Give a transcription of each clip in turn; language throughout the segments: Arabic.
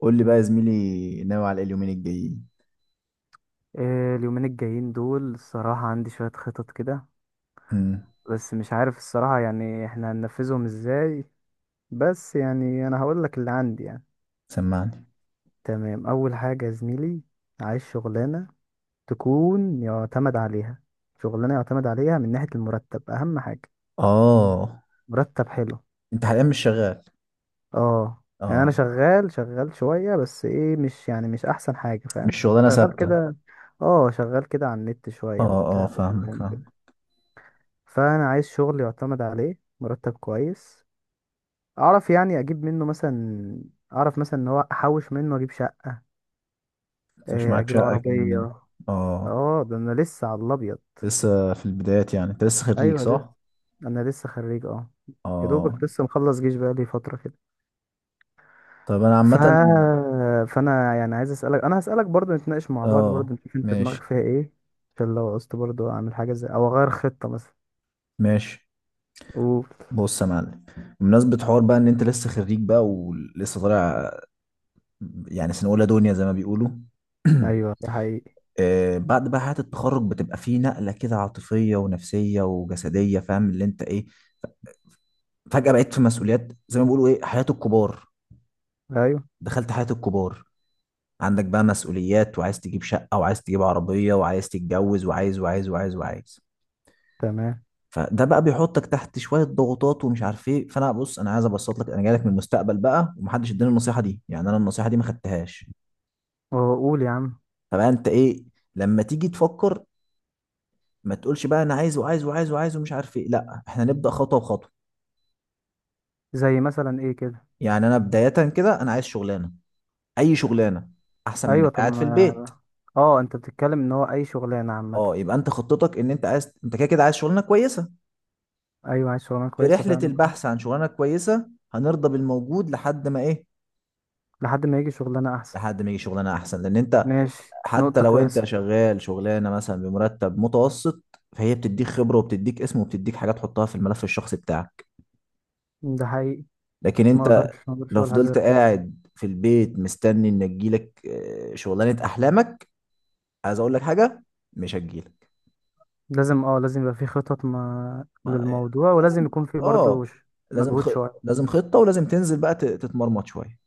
قول لي بقى يا زميلي، ناوي على ايه اليومين الجايين؟ اليومين الجايين دول الصراحة عندي شوية خطط كده. امم. بس مش عارف الصراحة، يعني احنا هننفذهم ازاي؟ بس يعني انا هقولك اللي عندي يعني. سمعني. تمام، اول حاجة يا زميلي، عايز شغلانة تكون يعتمد عليها، شغلانة يعتمد عليها من ناحية المرتب، اهم حاجة اه. مرتب حلو. انت حاليا مش شغال؟ اه يعني انا اه. شغال شوية، بس ايه، مش يعني مش احسن حاجة، فاهم؟ مش شغلانه شغال ثابته. كده، اه شغال كده على النت شوية اه اه، وبتاع. فاهمك فاهمك. فانا عايز شغل يعتمد عليه، مرتب كويس، اعرف يعني اجيب منه مثلا، اعرف مثلا ان هو احوش منه اجيب شقة، انت مش معاك اجيب شقه كمان؟ عربية. اه. اه ده انا لسه على الابيض. لسه في البدايات، يعني انت لسه خريج ايوه لسه، صح؟ انا لسه خريج اه. يا اه. دوبك لسه مخلص جيش بقالي فترة كده. طب انا ف... عامه. فانا يعني عايز اسالك، انا هسالك برضو، نتناقش مع بعض برضو، اه. نشوف انت دماغك ماشي. فيها ايه، عشان لو عوزت برضو اعمل حاجة زي، او اغير خطة مثلا. ماشي. قول. بص يا معلم، بمناسبه حوار بقى ان انت لسه خريج بقى ولسه طالع، يعني سنه اولى دنيا زي ما بيقولوا. ايوه ده حقيقي. بعد بقى حياة التخرج بتبقى فيه نقلة كده عاطفية ونفسية وجسدية، فاهم اللي انت ايه، فجأة بقيت في مسؤوليات زي ما بيقولوا ايه، حياة الكبار. ايوه. دخلت حياة الكبار. عندك بقى مسؤوليات وعايز تجيب شقة وعايز تجيب عربية وعايز تتجوز وعايز وعايز وعايز وعايز. تمام. فده بقى بيحطك تحت شوية ضغوطات ومش عارف ايه. فانا بص، انا عايز ابسط لك، انا جاي لك من المستقبل بقى، ومحدش اداني النصيحة دي، يعني انا النصيحة دي ما خدتهاش. وقول يا عم. فبقى انت ايه، لما تيجي تفكر، ما تقولش بقى انا عايز وعايز وعايز وعايز ومش عارف ايه، لا احنا نبدأ خطوة بخطوة. زي مثلا ايه كده؟ يعني انا بداية كده، انا عايز شغلانة، اي شغلانة، احسن من ايوه انك طب قاعد في ما، البيت. اه انت بتتكلم ان هو اي شغلانه عامه. اه، يبقى انت خطتك ان انت عايز، انت كده كده عايز شغلانة كويسة. ايوه عايز شغلانه في كويسه رحلة فعلا. البحث عن شغلانة كويسة هنرضى بالموجود لحد ما ايه، لحد ما يجي شغلانه احسن. لحد ما يجي شغلانة احسن، لان انت ماشي، حتى نقطه لو انت كويسه. شغال شغلانة مثلا بمرتب متوسط، فهي بتديك خبرة وبتديك اسم وبتديك حاجات تحطها في الملف الشخصي بتاعك. ده حقيقي. لكن ما انت اقدرش، ما اقدرش لو ولا حاجه فضلت غير كده. قاعد في البيت مستني ان تجيلك شغلانة احلامك، عايز اقول لك حاجة، مش هتجيلك. لازم، اه لازم يبقى في خطط ما ما إيه. للموضوع، ولازم لازم، يكون في اه برضه لازم، مجهود شويه. لازم خطة ولازم تنزل بقى تتمرمط شوية.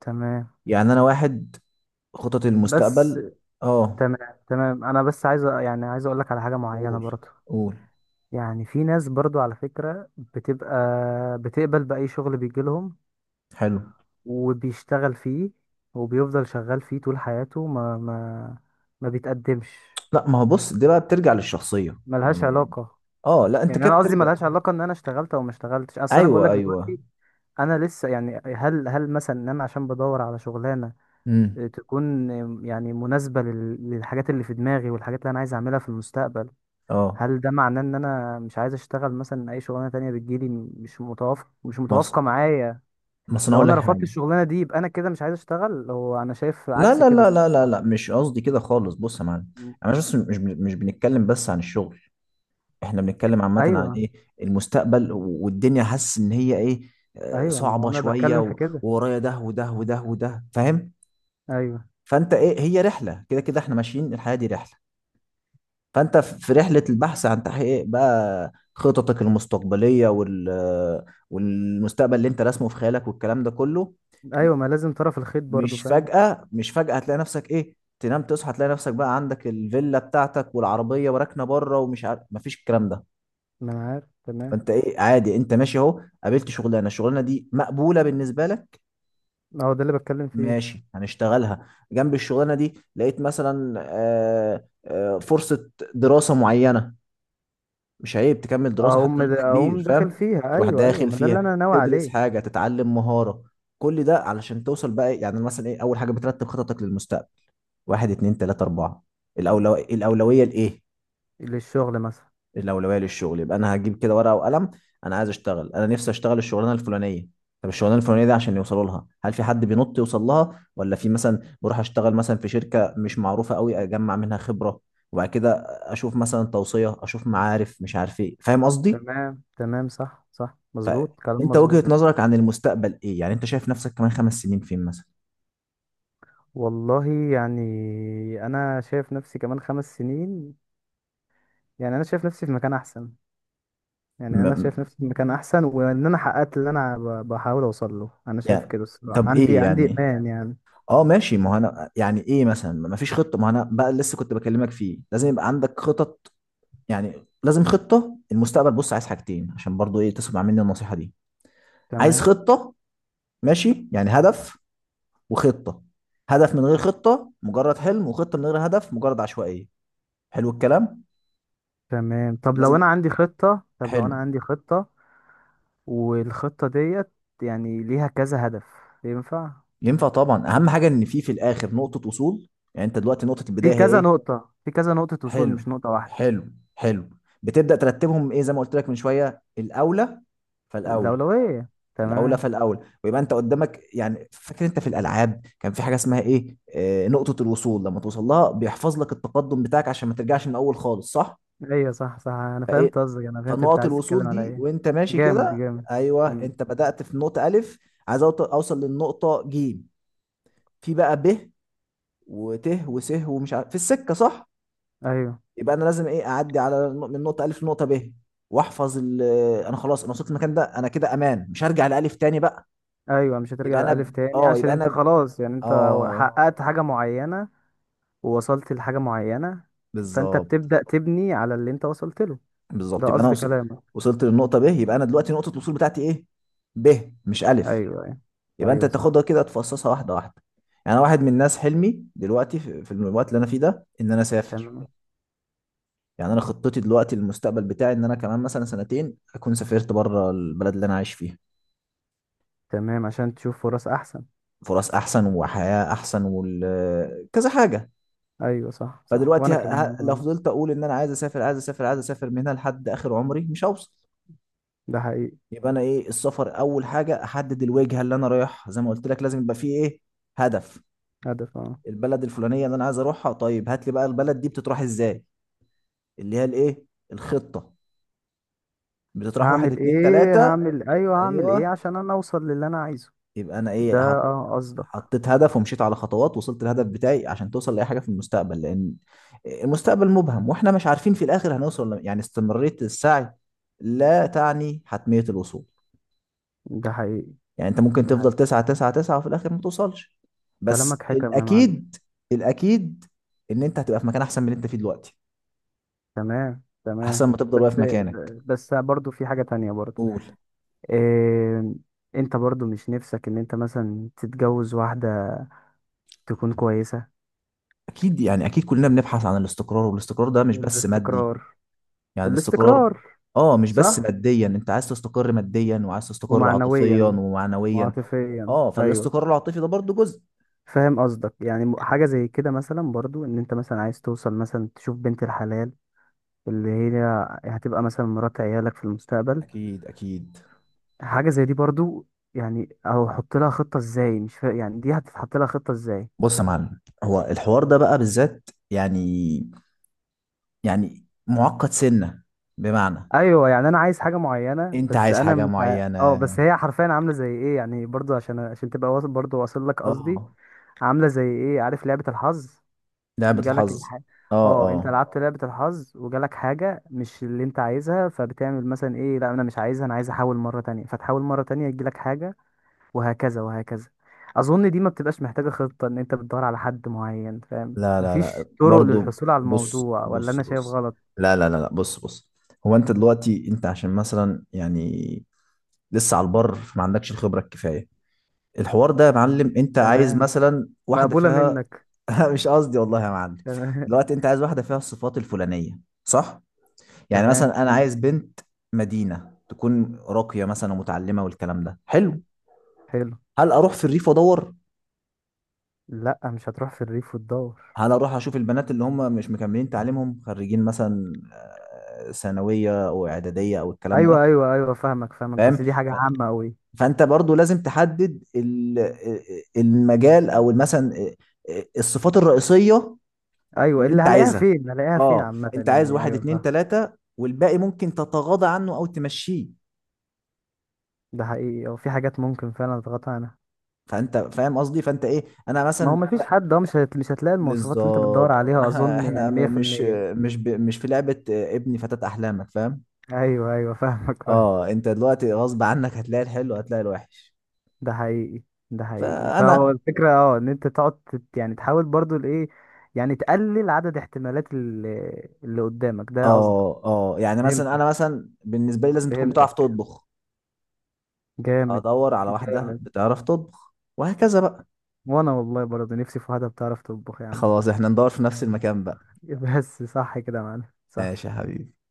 تمام. يعني انا واحد، خطط بس المستقبل. اه. تمام تمام، انا بس عايز يعني عايز اقول لك على حاجه معينه قول برضه. قول. يعني في ناس برضو على فكرة بتبقى بتقبل بأي شغل بيجيلهم حلو. وبيشتغل فيه وبيفضل شغال فيه طول حياته، ما ما بيتقدمش. لا، ما هو بص، دي بقى بترجع للشخصية ملهاش يعني. علاقة، اه لا، انت يعني كده انا قصدي بترجع. ملهاش علاقة ان انا اشتغلت او ما اشتغلتش. اصل انا ايوه بقولك ايوه. دلوقتي انا لسه، يعني هل مثلا ان انا عشان بدور على شغلانة امم. تكون، يعني مناسبة للحاجات اللي في دماغي والحاجات اللي انا عايز اعملها في المستقبل، اه، هل ده معناه ان انا مش عايز اشتغل مثلا اي شغلانة تانية بتجيلي مش متوافق، مش بص، متوافقة معايا؟ بس انا لو هقول لك انا حاجة. رفضت الشغلانة دي يبقى انا كده مش عايز اشتغل، هو انا شايف لا عكس لا كده. لا لا لا لا، مش قصدي كده خالص، بص يا معلم. مم. انا مش بنتكلم بس عن الشغل، احنا بنتكلم عامة عن ايوه ايه، المستقبل والدنيا، حاسس ان هي ايه، ايوه، ما هو صعبة انا شوية، بتكلم في كده. وورايا ده وده وده وده، فاهم. ايوه فانت ايه، هي رحلة كده كده، احنا ماشيين الحياة دي رحلة. فانت في رحلة البحث عن تحقيق إيه؟ بقى خططك المستقبلية، وال والمستقبل اللي انت راسمه في خيالك والكلام ده كله. ايوه، ما لازم طرف الخيط برضو، مش فاهم. فجأة مش فجأة هتلاقي نفسك ايه، تنام تصحى تلاقي نفسك بقى عندك الفيلا بتاعتك والعربية وراكنة بره ومش عارف، مفيش الكلام ده. ما انا عارف تمام. فانت ايه، عادي، انت ماشي اهو، قابلت شغلانه، الشغلانه دي مقبوله بالنسبه لك، اهو ده اللي بتكلم فيه. ماشي، هنشتغلها. جنب الشغلانه دي لقيت مثلا فرصه دراسه معينه، مش عيب تكمل دراسه حتى اقوم لو انت اقوم كبير، داخل فاهم، فيها، تروح ايوه ايوه، داخل ما ده اللي انا فيها ناوي تدرس عليه. حاجه، تتعلم مهاره، كل ده علشان توصل بقى إيه؟ يعني مثلا ايه، اول حاجه بترتب خططك للمستقبل، واحد اتنين تلاته اربعه، الاولويه لايه. للشغل مثلا. الاولويه للشغل، يبقى انا هجيب كده ورقه وقلم، انا عايز اشتغل، انا نفسي اشتغل الشغلانه الفلانيه. طب الشغلانه الفلانيه دي عشان يوصلوا لها، هل في حد بينط يوصل لها، ولا في مثلا بروح اشتغل مثلا في شركه مش معروفه قوي اجمع منها خبره، وبعد كده اشوف مثلا توصيه، اشوف معارف، مش عارف ايه، فاهم قصدي. تمام تمام، صح صح، مظبوط كلام فانت وجهه مظبوط. نظرك عن المستقبل ايه، يعني انت شايف نفسك كمان 5 سنين فين مثلا؟ والله، يعني، انا شايف نفسي كمان خمس سنين، يعني انا شايف نفسي في مكان احسن، يعني م- انا م- شايف نفسي في مكان احسن وان انا حققت اللي انا بحاول اوصل له. انا شايف يعني، كده الصراحه، طب عندي ايه عندي يعني. ايمان يعني. اه ماشي، ما هو انا يعني ايه مثلا، ما فيش خطه، ما هو انا بقى لسه كنت بكلمك فيه، لازم يبقى عندك خطط، يعني لازم خطة المستقبل. بص، عايز حاجتين عشان برضو ايه تسمع مني النصيحة دي، عايز تمام. خطة، ماشي، يعني هدف وخطة. هدف من غير خطة مجرد حلم، وخطة من غير هدف مجرد عشوائية. حلو الكلام. تمام، طب لو لازم. انا عندي خطة، طب لو انا حلو. عندي خطة، والخطة ديت يعني ليها كذا هدف، ينفع؟ ينفع طبعا، اهم حاجة ان في الاخر نقطة وصول. يعني انت دلوقتي نقطة في البداية هي كذا ايه؟ نقطة، في كذا نقطة وصول، حلو مش نقطة واحدة. حلو حلو. بتبدأ ترتبهم ايه زي ما قلت لك من شوية، الاولى فالاولى، الأولوية، الاولى تمام. فالاولى، ويبقى انت قدامك، يعني فاكر انت في الالعاب كان في حاجه اسمها ايه، نقطه الوصول، لما توصل لها بيحفظ لك التقدم بتاعك عشان ما ترجعش من الاول خالص، صح. ايوه صح صح، انا فايه، فهمت قصدك، انا فهمت انت فنقط عايز تتكلم الوصول على دي ايه. وانت ماشي جامد كده، جامد. ايوه امم. انت بدات في نقطه الف، عايز اوصل للنقطه جيم، في بقى ب وت وس ومش عارف في السكه، صح. ايوه يبقى انا لازم ايه، اعدي على من نقطه الف لنقطه ب، واحفظ انا خلاص، انا وصلت المكان ده، انا كده امان، مش هرجع لالف تاني بقى. ايوه، مش يبقى هترجع انا لألف ب... تاني اه عشان يبقى انا انت ب... خلاص يعني انت اه حققت حاجة معينة ووصلت لحاجة معينة، فانت بالظبط. بتبدأ تبني على اللي انت وصلت له، ده بالظبط، يبقى قصد كلامك. وصلت للنقطه ب، يبقى انا دلوقتي نقطه الوصول بتاعتي ايه، ب مش الف. ايوه ايوه. يبقى انت ايوه صح. تاخدها كده تفصصها واحده واحده. يعني أنا واحد من الناس، حلمي دلوقتي في الوقت اللي انا فيه ده ان انا اسافر. تمام يعني انا خطتي دلوقتي، المستقبل بتاعي ان انا كمان مثلا سنتين اكون سافرت بره البلد اللي انا عايش فيها، تمام عشان تشوف فرص احسن. فرص احسن وحياه احسن كذا حاجه. ايوه صح صح، فدلوقتي وانا ه... كمان لو اه. فضلت اقول ان انا عايز اسافر عايز اسافر عايز اسافر من هنا لحد اخر عمري مش هوصل. ده حقيقي. يبقى انا ايه، السفر اول حاجه احدد الوجهه اللي انا رايح، زي ما قلت لك لازم يبقى فيه ايه، هدف. هدف اه. البلد الفلانيه اللي انا عايز اروحها. طيب هات لي بقى البلد دي بتتراح ازاي، اللي هي الايه، الخطه. بتتراح واحد هعمل اتنين ايه، تلاته. هعمل ايه ايوه. عشان انا اوصل للي انا عايزه، يبقى انا ده ايه، اه قصدك. حطيت هدف ومشيت على خطوات، وصلت الهدف بتاعي. عشان توصل لاي حاجه في المستقبل، لان المستقبل مبهم واحنا مش عارفين في الاخر هنوصل، يعني استمراريه السعي لا تعني حتميه الوصول. ده حقيقي. يعني انت ممكن ده تفضل حقيقي، تسعة تسعة تسعة وفي الاخر ما توصلش، بس كلامك حكم يا معلم. الاكيد، الاكيد ان انت هتبقى في مكان احسن من اللي انت فيه دلوقتي، تمام احسن تمام، ما تفضل واقف بس، مكانك. بس برضو في حاجة تانية برضو. قول. إيه؟ انت برضو مش نفسك ان انت مثلا تتجوز واحدة تكون كويسة؟ اكيد، يعني اكيد كلنا بنبحث عن الاستقرار، والاستقرار ده مش بس مادي، الاستقرار. يعني الاستقرار. الاستقرار. اه، مش بس صح. ماديا، انت عايز تستقر ماديا وعايز تستقر عاطفيا ومعنويا ومعنويا. وعاطفيا، اه، ايوه. فالاستقرار العاطفي ده برضو جزء. فاهم قصدك، يعني حاجه زي كده مثلا برضو، ان انت مثلا عايز توصل مثلا تشوف بنت الحلال اللي هي هتبقى مثلا مرات عيالك في المستقبل. اكيد اكيد. حاجه زي دي برضو، يعني، او حط لها خطه ازاي، مش يعني دي هتتحط لها خطه ازاي؟ بص يا معلم، هو الحوار ده بقى بالذات يعني، يعني معقد سنة، بمعنى، ايوه، يعني انا عايز حاجه معينه، انت بس عايز انا حاجة مش اه معينة، بس هي حرفيا عامله زي ايه، يعني برضو عشان، عشان تبقى واصل، برضو واصل لك قصدي. اه عامله زي ايه، عارف لعبه الحظ؟ لعبة جالك الحظ، الح... اه اه انت اه. لعبت لعبة الحظ وجالك حاجة مش اللي انت عايزها، فبتعمل مثلا ايه، لا انا مش عايزها انا عايز احاول مرة تانية، فتحاول مرة تانية يجيلك حاجة، وهكذا وهكذا. اظن دي ما بتبقاش محتاجة خطة، ان انت بتدور على حد معين، فاهم؟ لا لا لا مفيش طرق برضو، للحصول على بص الموضوع، ولا بص انا شايف بص، غلط؟ لا لا لا لا، بص بص. هو انت دلوقتي انت عشان مثلا يعني لسه على البر فما عندكش الخبرة الكفاية، الحوار ده يا معلم، انت عايز تمام. مثلا واحدة مقبولة فيها منك. مش قصدي والله يا معلم. تمام دلوقتي انت عايز واحدة فيها الصفات الفلانية صح؟ يعني تمام مثلا انا عايز بنت مدينة، تكون راقية مثلا ومتعلمة والكلام ده، حلو. حلو. هل اروح في الريف وادور، لا مش هتروح في الريف وتدور. هل اروح اشوف البنات اللي هم مش مكملين تعليمهم، خريجين مثلا ثانويه او اعداديه او الكلام ده، ايوه ايوه ايوه فاهمك فاهمك، فاهم. بس دي حاجة ف- عامة قوي. فانت برضو لازم تحدد المجال، او مثلا الصفات الرئيسيه ايوه، اللي اللي انت هلاقيها عايزها، فين، هلاقيها فين، اه. عامة انت عايز يعني، واحد ايوه اتنين فاهم. تلاته والباقي ممكن تتغاضى عنه او تمشيه. ده حقيقي، او في حاجات ممكن فعلا تضغط عنها. فانت فاهم قصدي، فانت ايه، انا ما هو مثلا مفيش لا، حد، اه مش هتلاقي المواصفات اللي انت بتدور بالظبط، ما عليها احنا، اظن، يعني 100%. مش في لعبه ابني فتاة احلامك، فاهم. ايوه ايوه فاهمك فاهم. اه انت دلوقتي غصب عنك هتلاقي الحلو هتلاقي الوحش. ده حقيقي. ده حقيقي، فهو فانا الفكره اه، ان انت تقعد يعني تحاول برضو الايه، يعني تقلل عدد احتمالات اللي قدامك، ده قصدك. اه اه، يعني مثلا، فهمتك انا مثلا بالنسبه لي لازم تكون بتعرف فهمتك. تطبخ، جامد ادور على واحده جامد. بتعرف تطبخ وهكذا بقى. وانا والله برضو نفسي في واحده بتعرف تطبخ يا عم. خلاص احنا ندور في نفس المكان بقى. بس صح كده يا معلم، صح. ماشي يا حبيبي.